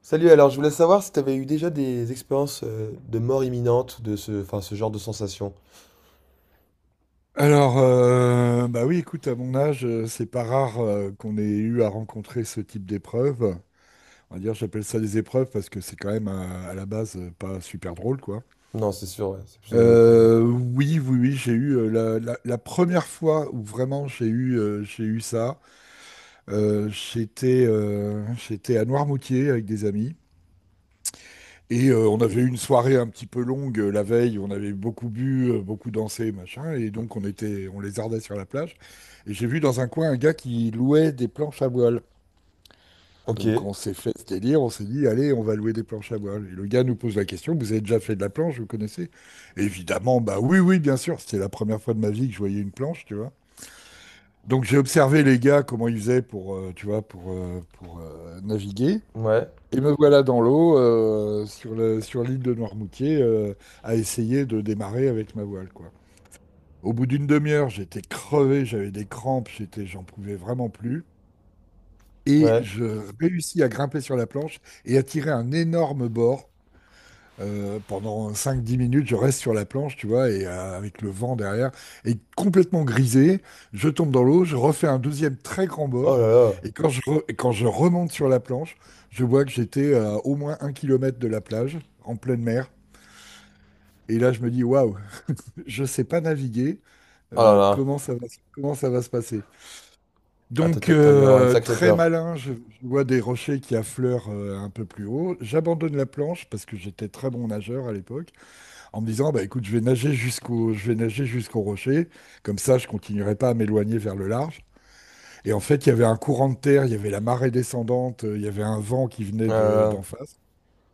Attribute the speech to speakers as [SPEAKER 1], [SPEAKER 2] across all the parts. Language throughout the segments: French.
[SPEAKER 1] Salut, alors je voulais savoir si tu avais eu déjà des expériences de mort imminente, enfin, ce genre de sensation.
[SPEAKER 2] Alors, bah oui, écoute, à mon âge, c'est pas rare qu'on ait eu à rencontrer ce type d'épreuve. On va dire, j'appelle ça des épreuves parce que c'est quand même la base pas super drôle, quoi.
[SPEAKER 1] Non, c'est sûr, ouais, c'est plus une épreuve, ouais.
[SPEAKER 2] Oui, oui, oui, j'ai eu la première fois où vraiment j'ai eu ça. J'étais à Noirmoutier avec des amis. Et on avait eu une soirée un petit peu longue la veille, on avait beaucoup bu, beaucoup dansé, machin, et donc on lézardait sur la plage. Et j'ai vu dans un coin un gars qui louait des planches à voile.
[SPEAKER 1] Ok,
[SPEAKER 2] Donc on s'est fait ce délire, on s'est dit, allez, on va louer des planches à voile. Et le gars nous pose la question, vous avez déjà fait de la planche, vous connaissez? Évidemment, bah oui, oui, bien sûr, c'était la première fois de ma vie que je voyais une planche, tu vois. Donc j'ai observé les gars, comment ils faisaient pour, tu vois, pour naviguer.
[SPEAKER 1] ouais,
[SPEAKER 2] Et me voilà dans l'eau, sur l'île de Noirmoutier, à essayer de démarrer avec ma voile, quoi. Au bout d'une demi-heure, j'étais crevé, j'avais des crampes, j'en pouvais vraiment plus. Et
[SPEAKER 1] ouais.
[SPEAKER 2] je réussis à grimper sur la planche et à tirer un énorme bord pendant cinq dix minutes, je reste sur la planche, tu vois, et avec le vent derrière, et complètement grisé, je tombe dans l'eau, je refais un deuxième très grand
[SPEAKER 1] Oh
[SPEAKER 2] bord,
[SPEAKER 1] là là,
[SPEAKER 2] et quand je remonte sur la planche, je vois que j'étais à au moins 1 kilomètre de la plage, en pleine mer, et là je me dis, waouh, je sais pas naviguer,
[SPEAKER 1] oh là là.
[SPEAKER 2] comment ça va se passer?
[SPEAKER 1] Ah, t'as
[SPEAKER 2] Donc,
[SPEAKER 1] dû, t'as dû avoir une sacrée
[SPEAKER 2] très
[SPEAKER 1] peur.
[SPEAKER 2] malin, je vois des rochers qui affleurent un peu plus haut, j'abandonne la planche parce que j'étais très bon nageur à l'époque en me disant, bah, écoute, je vais nager jusqu'au rocher, comme ça je continuerai pas à m'éloigner vers le large. Et en fait, il y avait un courant de terre, il y avait la marée descendante, il y avait un vent qui venait
[SPEAKER 1] Euh,
[SPEAKER 2] d'en face.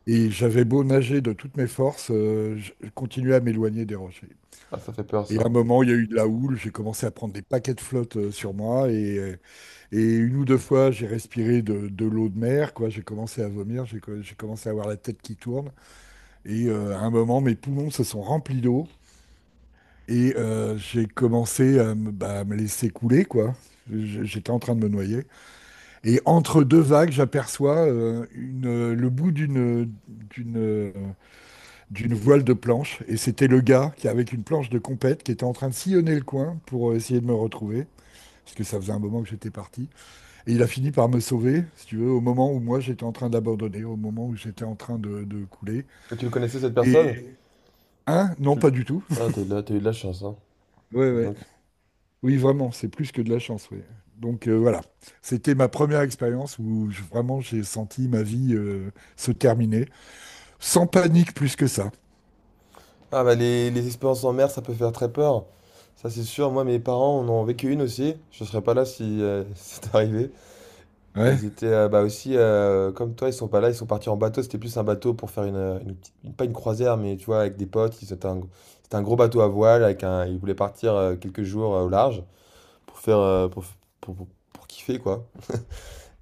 [SPEAKER 2] Et j'avais beau nager de toutes mes forces, je continuais à m'éloigner des rochers.
[SPEAKER 1] Ah, ça fait peur
[SPEAKER 2] Et
[SPEAKER 1] ça,
[SPEAKER 2] à un
[SPEAKER 1] hein.
[SPEAKER 2] moment, il y a eu de la houle, j'ai commencé à prendre des paquets de flotte sur moi, et une ou deux fois, j'ai respiré de l'eau de mer, quoi. J'ai commencé à vomir, j'ai commencé à avoir la tête qui tourne, et à un moment, mes poumons se sont remplis d'eau. Et j'ai commencé à me laisser couler, quoi. J'étais en train de me noyer. Et entre deux vagues, j'aperçois le bout d'une voile de planche. Et c'était le gars qui, avec une planche de compète, qui était en train de sillonner le coin pour essayer de me retrouver. Parce que ça faisait un moment que j'étais parti. Et il a fini par me sauver, si tu veux, au moment où moi j'étais en train d'abandonner, au moment où j'étais en train de couler.
[SPEAKER 1] Et tu le connaissais cette
[SPEAKER 2] Et,
[SPEAKER 1] personne?
[SPEAKER 2] hein? Non,
[SPEAKER 1] Tu... l-
[SPEAKER 2] pas du tout.
[SPEAKER 1] Ah, t'as eu de la chance, hein.
[SPEAKER 2] Ouais,
[SPEAKER 1] Dis
[SPEAKER 2] ouais.
[SPEAKER 1] donc.
[SPEAKER 2] Oui, vraiment, c'est plus que de la chance, oui. Donc voilà, c'était ma première expérience où vraiment j'ai senti ma vie se terminer, sans panique plus que ça.
[SPEAKER 1] Ah bah les expériences en mer, ça peut faire très peur. Ça c'est sûr, moi mes parents en ont vécu une aussi. Je serais pas là si c'est arrivé.
[SPEAKER 2] Ouais,
[SPEAKER 1] Ils étaient, bah, aussi, comme toi, ils sont pas là, ils sont partis en bateau. C'était plus un bateau pour faire pas une croisière, mais tu vois, avec des potes. Ils C'était un gros bateau à voile avec un ils voulaient partir, quelques jours, au large pour faire, pour pour pour kiffer, quoi,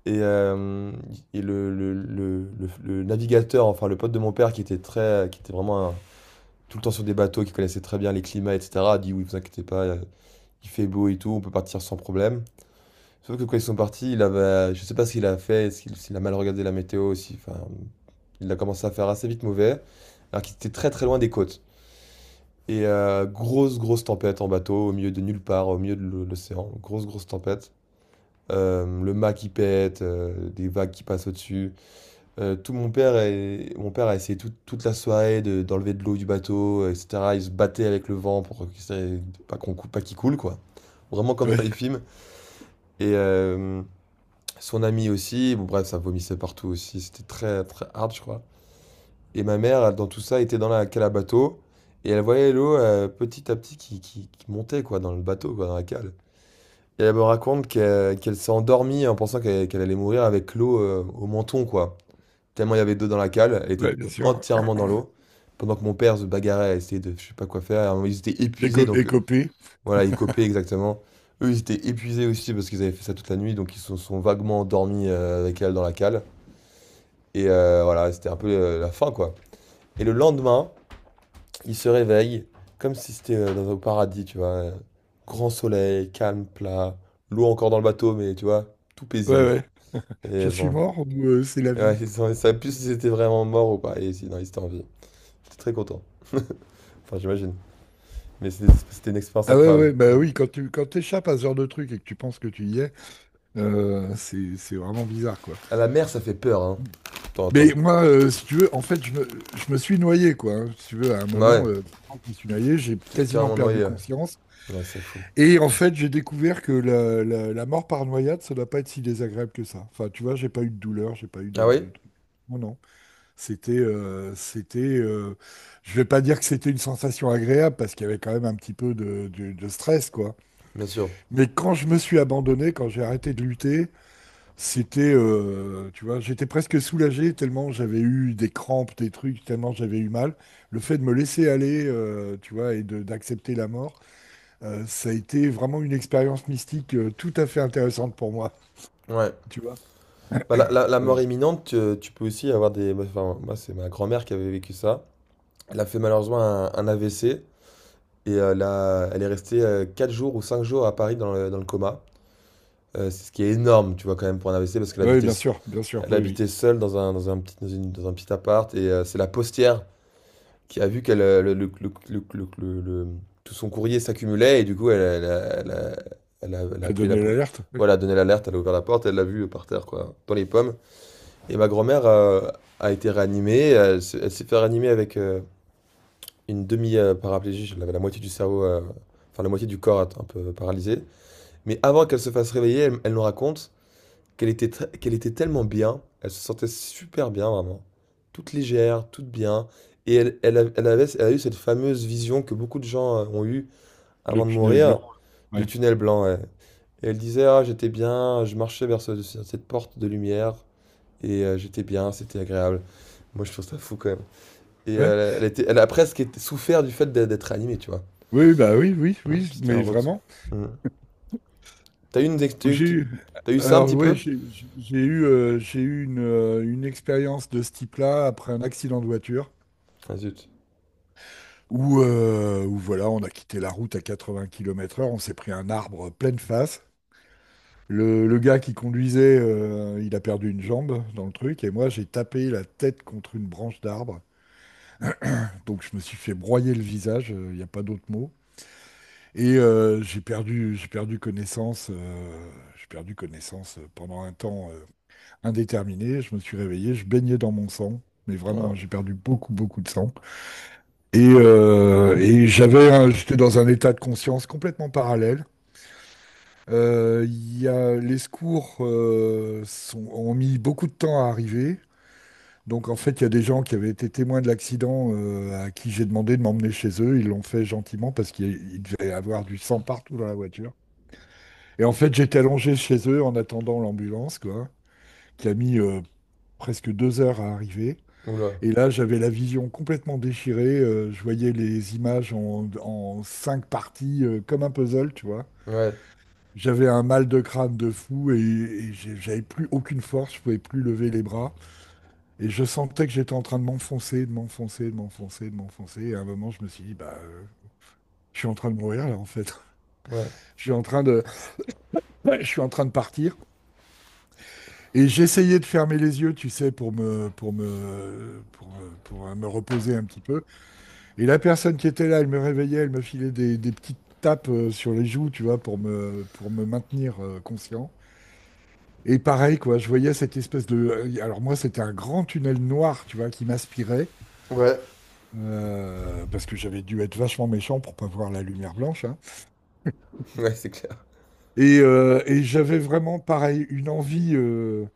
[SPEAKER 1] et hem et le navigateur, enfin, le pote de mon père qui était vraiment un tout le temps sur des bateaux, qui connaissait très bien les climats et cetera, a dit: «Oui, vous inquiétez pas, il fait beau et tout, on peut partir sans problème». Sauf que quand ils sont partis, il avait, je sais pas ce qu'il a fait, s'il a mal regardé la météo, aussi, enfin, il a commencé à faire assez vite mauvais, alors qu'il était très très loin des côtes. Grosse grosse tempête en bateau, au milieu de nulle part, au milieu de l'océan, grosse grosse tempête. Le mât qui pète, des vagues qui passent au-dessus. Tout mon père et mon père a essayé toute la soirée d'enlever de l'eau du bateau, etc. Il se battait avec le vent pour que ça- pas qu'on cou- pas qu'il coule quoi. Vraiment comme dans
[SPEAKER 2] ouais,
[SPEAKER 1] les films. Et euh, Son ami aussi, bon bref, ça vomissait partout aussi, c'était très très hard, je crois. Et ma mère, elle, dans tout ça, était dans la cale à bateau, et elle voyait l'eau petit à petit qui montait, quoi, dans le bateau, quoi, dans la cale. Et elle me raconte qu'elle s'est endormie en pensant qu'elle allait mourir avec l'eau au menton, quoi. Tellement il y avait d'eau dans la cale, elle était
[SPEAKER 2] ouais, bien sûr.
[SPEAKER 1] entièrement dans l'eau, pendant que mon père se bagarrait à essayer de je sais pas quoi faire, et ils étaient
[SPEAKER 2] Déco
[SPEAKER 1] épuisés, donc
[SPEAKER 2] écopé.
[SPEAKER 1] voilà, ils copaient exactement. Eux, ils étaient épuisés aussi parce qu'ils avaient fait ça toute la nuit, donc ils se sont vaguement endormis avec elle dans la cale. Voilà, c'était un peu la fin, quoi. Et le lendemain, il se réveille comme si c'était dans un paradis, tu vois. Grand soleil, calme, plat, l'eau encore dans le bateau, mais tu vois, tout
[SPEAKER 2] Ouais,
[SPEAKER 1] paisible.
[SPEAKER 2] ouais. Je
[SPEAKER 1] Et
[SPEAKER 2] suis
[SPEAKER 1] bon,
[SPEAKER 2] mort ou c'est la
[SPEAKER 1] ouais,
[SPEAKER 2] vie?
[SPEAKER 1] plus si c'était vraiment mort ou pas. Et si, non, il était en vie. J'étais très content. Enfin, j'imagine. Mais c'était une expérience
[SPEAKER 2] Ah ouais,
[SPEAKER 1] incroyable.
[SPEAKER 2] ouais, bah
[SPEAKER 1] Mm.
[SPEAKER 2] oui, quand t'échappes à ce genre de truc et que tu penses que tu y es, c'est vraiment bizarre, quoi.
[SPEAKER 1] À la mer, ça fait peur, hein,
[SPEAKER 2] Mm.
[SPEAKER 1] de temps en temps.
[SPEAKER 2] Mais moi, si tu veux, en fait, je me suis noyé, quoi, hein. Si tu veux, à un
[SPEAKER 1] Bah ouais,
[SPEAKER 2] moment, vraiment, je me suis noyé, j'ai
[SPEAKER 1] t'es
[SPEAKER 2] quasiment
[SPEAKER 1] carrément
[SPEAKER 2] perdu
[SPEAKER 1] noyé. Ouais,
[SPEAKER 2] conscience.
[SPEAKER 1] ouais, c'est fou.
[SPEAKER 2] Et en fait, j'ai découvert que la mort par noyade, ça doit pas être si désagréable que ça. Enfin, tu vois, j'ai pas eu de douleur, j'ai pas eu
[SPEAKER 1] Ah oui?
[SPEAKER 2] de truc. Non, non. C'était, c'était. Je vais pas dire que c'était une sensation agréable parce qu'il y avait quand même un petit peu de stress, quoi.
[SPEAKER 1] Bien sûr.
[SPEAKER 2] Mais quand je me suis abandonné, quand j'ai arrêté de lutter, tu vois, j'étais presque soulagé tellement j'avais eu des crampes, des trucs, tellement j'avais eu mal. Le fait de me laisser aller, tu vois, et d'accepter la mort. Ça a été vraiment une expérience mystique tout à fait intéressante pour moi,
[SPEAKER 1] Ouais.
[SPEAKER 2] tu vois.
[SPEAKER 1] Bah, la mort
[SPEAKER 2] Voilà.
[SPEAKER 1] imminente, tu peux aussi avoir des. Enfin, moi, c'est ma grand-mère qui avait vécu ça. Elle a fait malheureusement un AVC et elle est restée 4 jours ou 5 jours à Paris dans le coma. C'est ce qui est énorme, tu vois, quand même, pour un AVC parce qu'elle
[SPEAKER 2] Oui,
[SPEAKER 1] habitait, s-
[SPEAKER 2] bien sûr,
[SPEAKER 1] elle
[SPEAKER 2] oui, oui.
[SPEAKER 1] habitait seule dans un petit, dans une- dans un petit appart et c'est la postière qui a vu qu'elle, le- tout son courrier s'accumulait et du coup, elle, elle a, elle a- elle a- elle a
[SPEAKER 2] À
[SPEAKER 1] appelé
[SPEAKER 2] donner l'alerte, oui.
[SPEAKER 1] Voilà, donné l'alerte, elle a ouvert la porte, elle l'a vu par terre, quoi, dans les pommes. Et ma grand-mère a été réanimée. Elle s'est fait réanimer avec une demi-paraplégie. Elle avait la moitié du cerveau, enfin la moitié du corps un peu paralysé. Mais avant qu'elle se fasse réveiller, elle nous raconte qu'elle était tellement bien. Elle se sentait super bien, vraiment. Toute légère, toute bien. Et elle a eu cette fameuse vision que beaucoup de gens ont eue
[SPEAKER 2] Le
[SPEAKER 1] avant de
[SPEAKER 2] tunnel
[SPEAKER 1] mourir,
[SPEAKER 2] blanc.
[SPEAKER 1] du
[SPEAKER 2] Ouais.
[SPEAKER 1] tunnel blanc. Ouais. Et elle disait, ah, j'étais bien, je marchais vers cette porte de lumière, et j'étais bien, c'était agréable. Moi, je trouve ça fou quand même.
[SPEAKER 2] Ouais.
[SPEAKER 1] Elle a presque souffert du fait d'être d'être animée, tu vois.
[SPEAKER 2] Oui, bah oui, oui,
[SPEAKER 1] Mm.
[SPEAKER 2] oui,
[SPEAKER 1] C'était un
[SPEAKER 2] mais
[SPEAKER 1] retour.
[SPEAKER 2] vraiment.
[SPEAKER 1] Mm. T'as eu, une, ex-
[SPEAKER 2] Donc, j'ai eu,
[SPEAKER 1] t'as eu ça un
[SPEAKER 2] alors
[SPEAKER 1] petit
[SPEAKER 2] ouais,
[SPEAKER 1] peu.
[SPEAKER 2] j'ai eu une expérience de ce type-là après un accident de voiture
[SPEAKER 1] Ah zut.
[SPEAKER 2] où voilà, on a quitté la route à 80 km/h, on s'est pris un arbre pleine face. Le gars qui conduisait, il a perdu une jambe dans le truc, et moi j'ai tapé la tête contre une branche d'arbre. Donc je me suis fait broyer le visage, il n'y a pas d'autre mot. Et j'ai perdu connaissance, pendant un temps indéterminé. Je me suis réveillé, je baignais dans mon sang, mais vraiment hein,
[SPEAKER 1] Ah.
[SPEAKER 2] j'ai perdu beaucoup, beaucoup de sang. Et j'avais, j'étais dans un état de conscience complètement parallèle. Les secours ont mis beaucoup de temps à arriver. Donc en fait, il y a des gens qui avaient été témoins de l'accident à qui j'ai demandé de m'emmener chez eux. Ils l'ont fait gentiment parce qu'il il devait y avoir du sang partout dans la voiture. Et en fait, j'étais allongé chez eux en attendant l'ambulance, quoi, qui a mis presque 2 heures à arriver.
[SPEAKER 1] Oula.
[SPEAKER 2] Et là, j'avais la vision complètement déchirée. Je voyais les images en cinq parties comme un puzzle, tu vois.
[SPEAKER 1] Ouais.
[SPEAKER 2] J'avais un mal de crâne de fou j'avais plus aucune force, je pouvais plus lever les bras. Et je sentais que j'étais en train de m'enfoncer, de m'enfoncer, de m'enfoncer, de m'enfoncer. Et à un moment, je me suis dit, bah, je suis en train de mourir là, en fait.
[SPEAKER 1] Ouais.
[SPEAKER 2] Je suis en train de, ouais, je suis en train de partir. Et j'essayais de fermer les yeux, tu sais, pour me, pour me, pour, me- pour me reposer un petit peu. Et la personne qui était là, elle me réveillait, elle me filait des petites tapes sur les joues, tu vois, pour me maintenir conscient. Et pareil, quoi, je voyais cette espèce de. Alors, moi, c'était un grand tunnel noir, tu vois, qui m'aspirait.
[SPEAKER 1] Ouais.
[SPEAKER 2] Parce que j'avais dû être vachement méchant pour pas voir la lumière blanche, hein.
[SPEAKER 1] Ouais, c'est clair.
[SPEAKER 2] Et j'avais vraiment, pareil, une envie euh,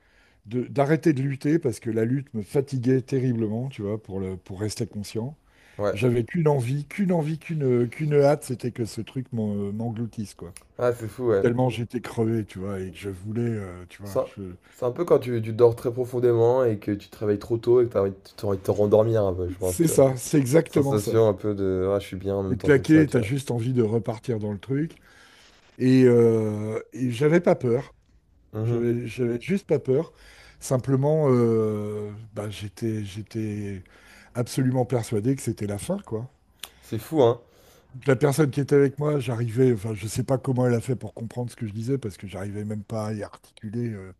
[SPEAKER 2] de- d'arrêter de lutter parce que la lutte me fatiguait terriblement, tu vois, pour rester conscient.
[SPEAKER 1] Ouais.
[SPEAKER 2] J'avais qu'une envie, qu'une envie, qu'une hâte, c'était que ce truc m'engloutisse, quoi.
[SPEAKER 1] Ah, c'est fou, ouais.
[SPEAKER 2] Tellement j'étais crevé, tu vois, et que je voulais, tu vois,
[SPEAKER 1] Ça, c'est un peu quand tu dors très profondément et que tu te réveilles trop tôt et que t'as envie de te rendormir un peu, je pense,
[SPEAKER 2] c'est
[SPEAKER 1] tu vois.
[SPEAKER 2] ça, c'est
[SPEAKER 1] Cette
[SPEAKER 2] exactement ça.
[SPEAKER 1] sensation un peu de ah, je suis bien en
[SPEAKER 2] T'es
[SPEAKER 1] même temps comme ça,
[SPEAKER 2] claqué,
[SPEAKER 1] tu
[SPEAKER 2] t'as
[SPEAKER 1] vois.
[SPEAKER 2] juste envie de repartir dans le truc. Et j'avais pas peur.
[SPEAKER 1] Mhm.
[SPEAKER 2] J'avais juste pas peur. Simplement, bah, j'étais absolument persuadé que c'était la fin, quoi.
[SPEAKER 1] C'est fou, hein.
[SPEAKER 2] Donc, la personne qui était avec moi, enfin, je sais pas comment elle a fait pour comprendre ce que je disais, parce que j'arrivais même pas à y articuler.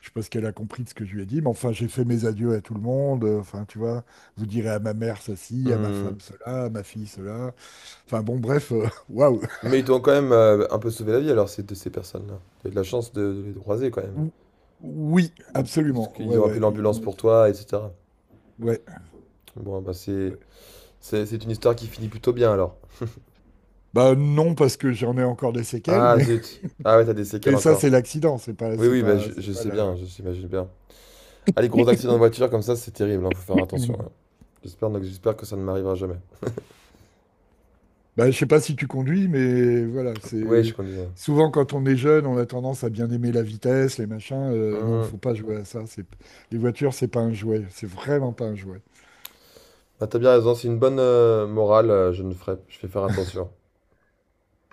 [SPEAKER 2] Je sais pas ce qu'elle a compris de ce que je lui ai dit, mais enfin, j'ai fait mes adieux à tout le monde. Enfin, tu vois, vous direz à ma mère ceci, à ma femme
[SPEAKER 1] Mm.
[SPEAKER 2] cela, à ma fille cela. Enfin, bon, bref, waouh.
[SPEAKER 1] Mais ils t'ont quand même un peu sauvé la vie alors de ces personnes-là. T'as eu de la chance de les croiser quand même.
[SPEAKER 2] Ou- Oui,
[SPEAKER 1] Parce
[SPEAKER 2] absolument.
[SPEAKER 1] qu'ils
[SPEAKER 2] Ouais,
[SPEAKER 1] ont appelé
[SPEAKER 2] ouais,
[SPEAKER 1] l'ambulance pour toi, etc.
[SPEAKER 2] Ouais,
[SPEAKER 1] Bon, bah c'est,
[SPEAKER 2] ouais.
[SPEAKER 1] c'est, c'est une histoire qui finit plutôt bien alors.
[SPEAKER 2] Bah non, parce que j'en ai encore des séquelles,
[SPEAKER 1] Ah
[SPEAKER 2] mais,
[SPEAKER 1] zut. Ah ouais, t'as des séquelles
[SPEAKER 2] mais ça,
[SPEAKER 1] encore.
[SPEAKER 2] c'est l'accident, c'est pas,
[SPEAKER 1] Oui,
[SPEAKER 2] c'est
[SPEAKER 1] oui, bah
[SPEAKER 2] pas,
[SPEAKER 1] je,
[SPEAKER 2] c'est
[SPEAKER 1] je
[SPEAKER 2] pas
[SPEAKER 1] sais bien,
[SPEAKER 2] la...
[SPEAKER 1] je s'imagine bien. Ah, les gros accidents de voiture comme ça, c'est terrible, hein, faut faire attention,
[SPEAKER 2] Mhm.
[SPEAKER 1] hein. Donc, j'espère que ça ne m'arrivera jamais.
[SPEAKER 2] Bah, je sais pas si tu conduis, mais voilà,
[SPEAKER 1] Oui, je
[SPEAKER 2] c'est...
[SPEAKER 1] conduis.
[SPEAKER 2] Souvent, quand on est jeune, on a tendance à bien aimer la vitesse, les machins. Non,
[SPEAKER 1] Mhm.
[SPEAKER 2] faut pas jouer à ça. C'est... Les voitures, c'est pas un jouet. C'est vraiment pas un jouet.
[SPEAKER 1] Bah, t'as bien raison, c'est une bonne morale, je ne ferai, je vais faire attention.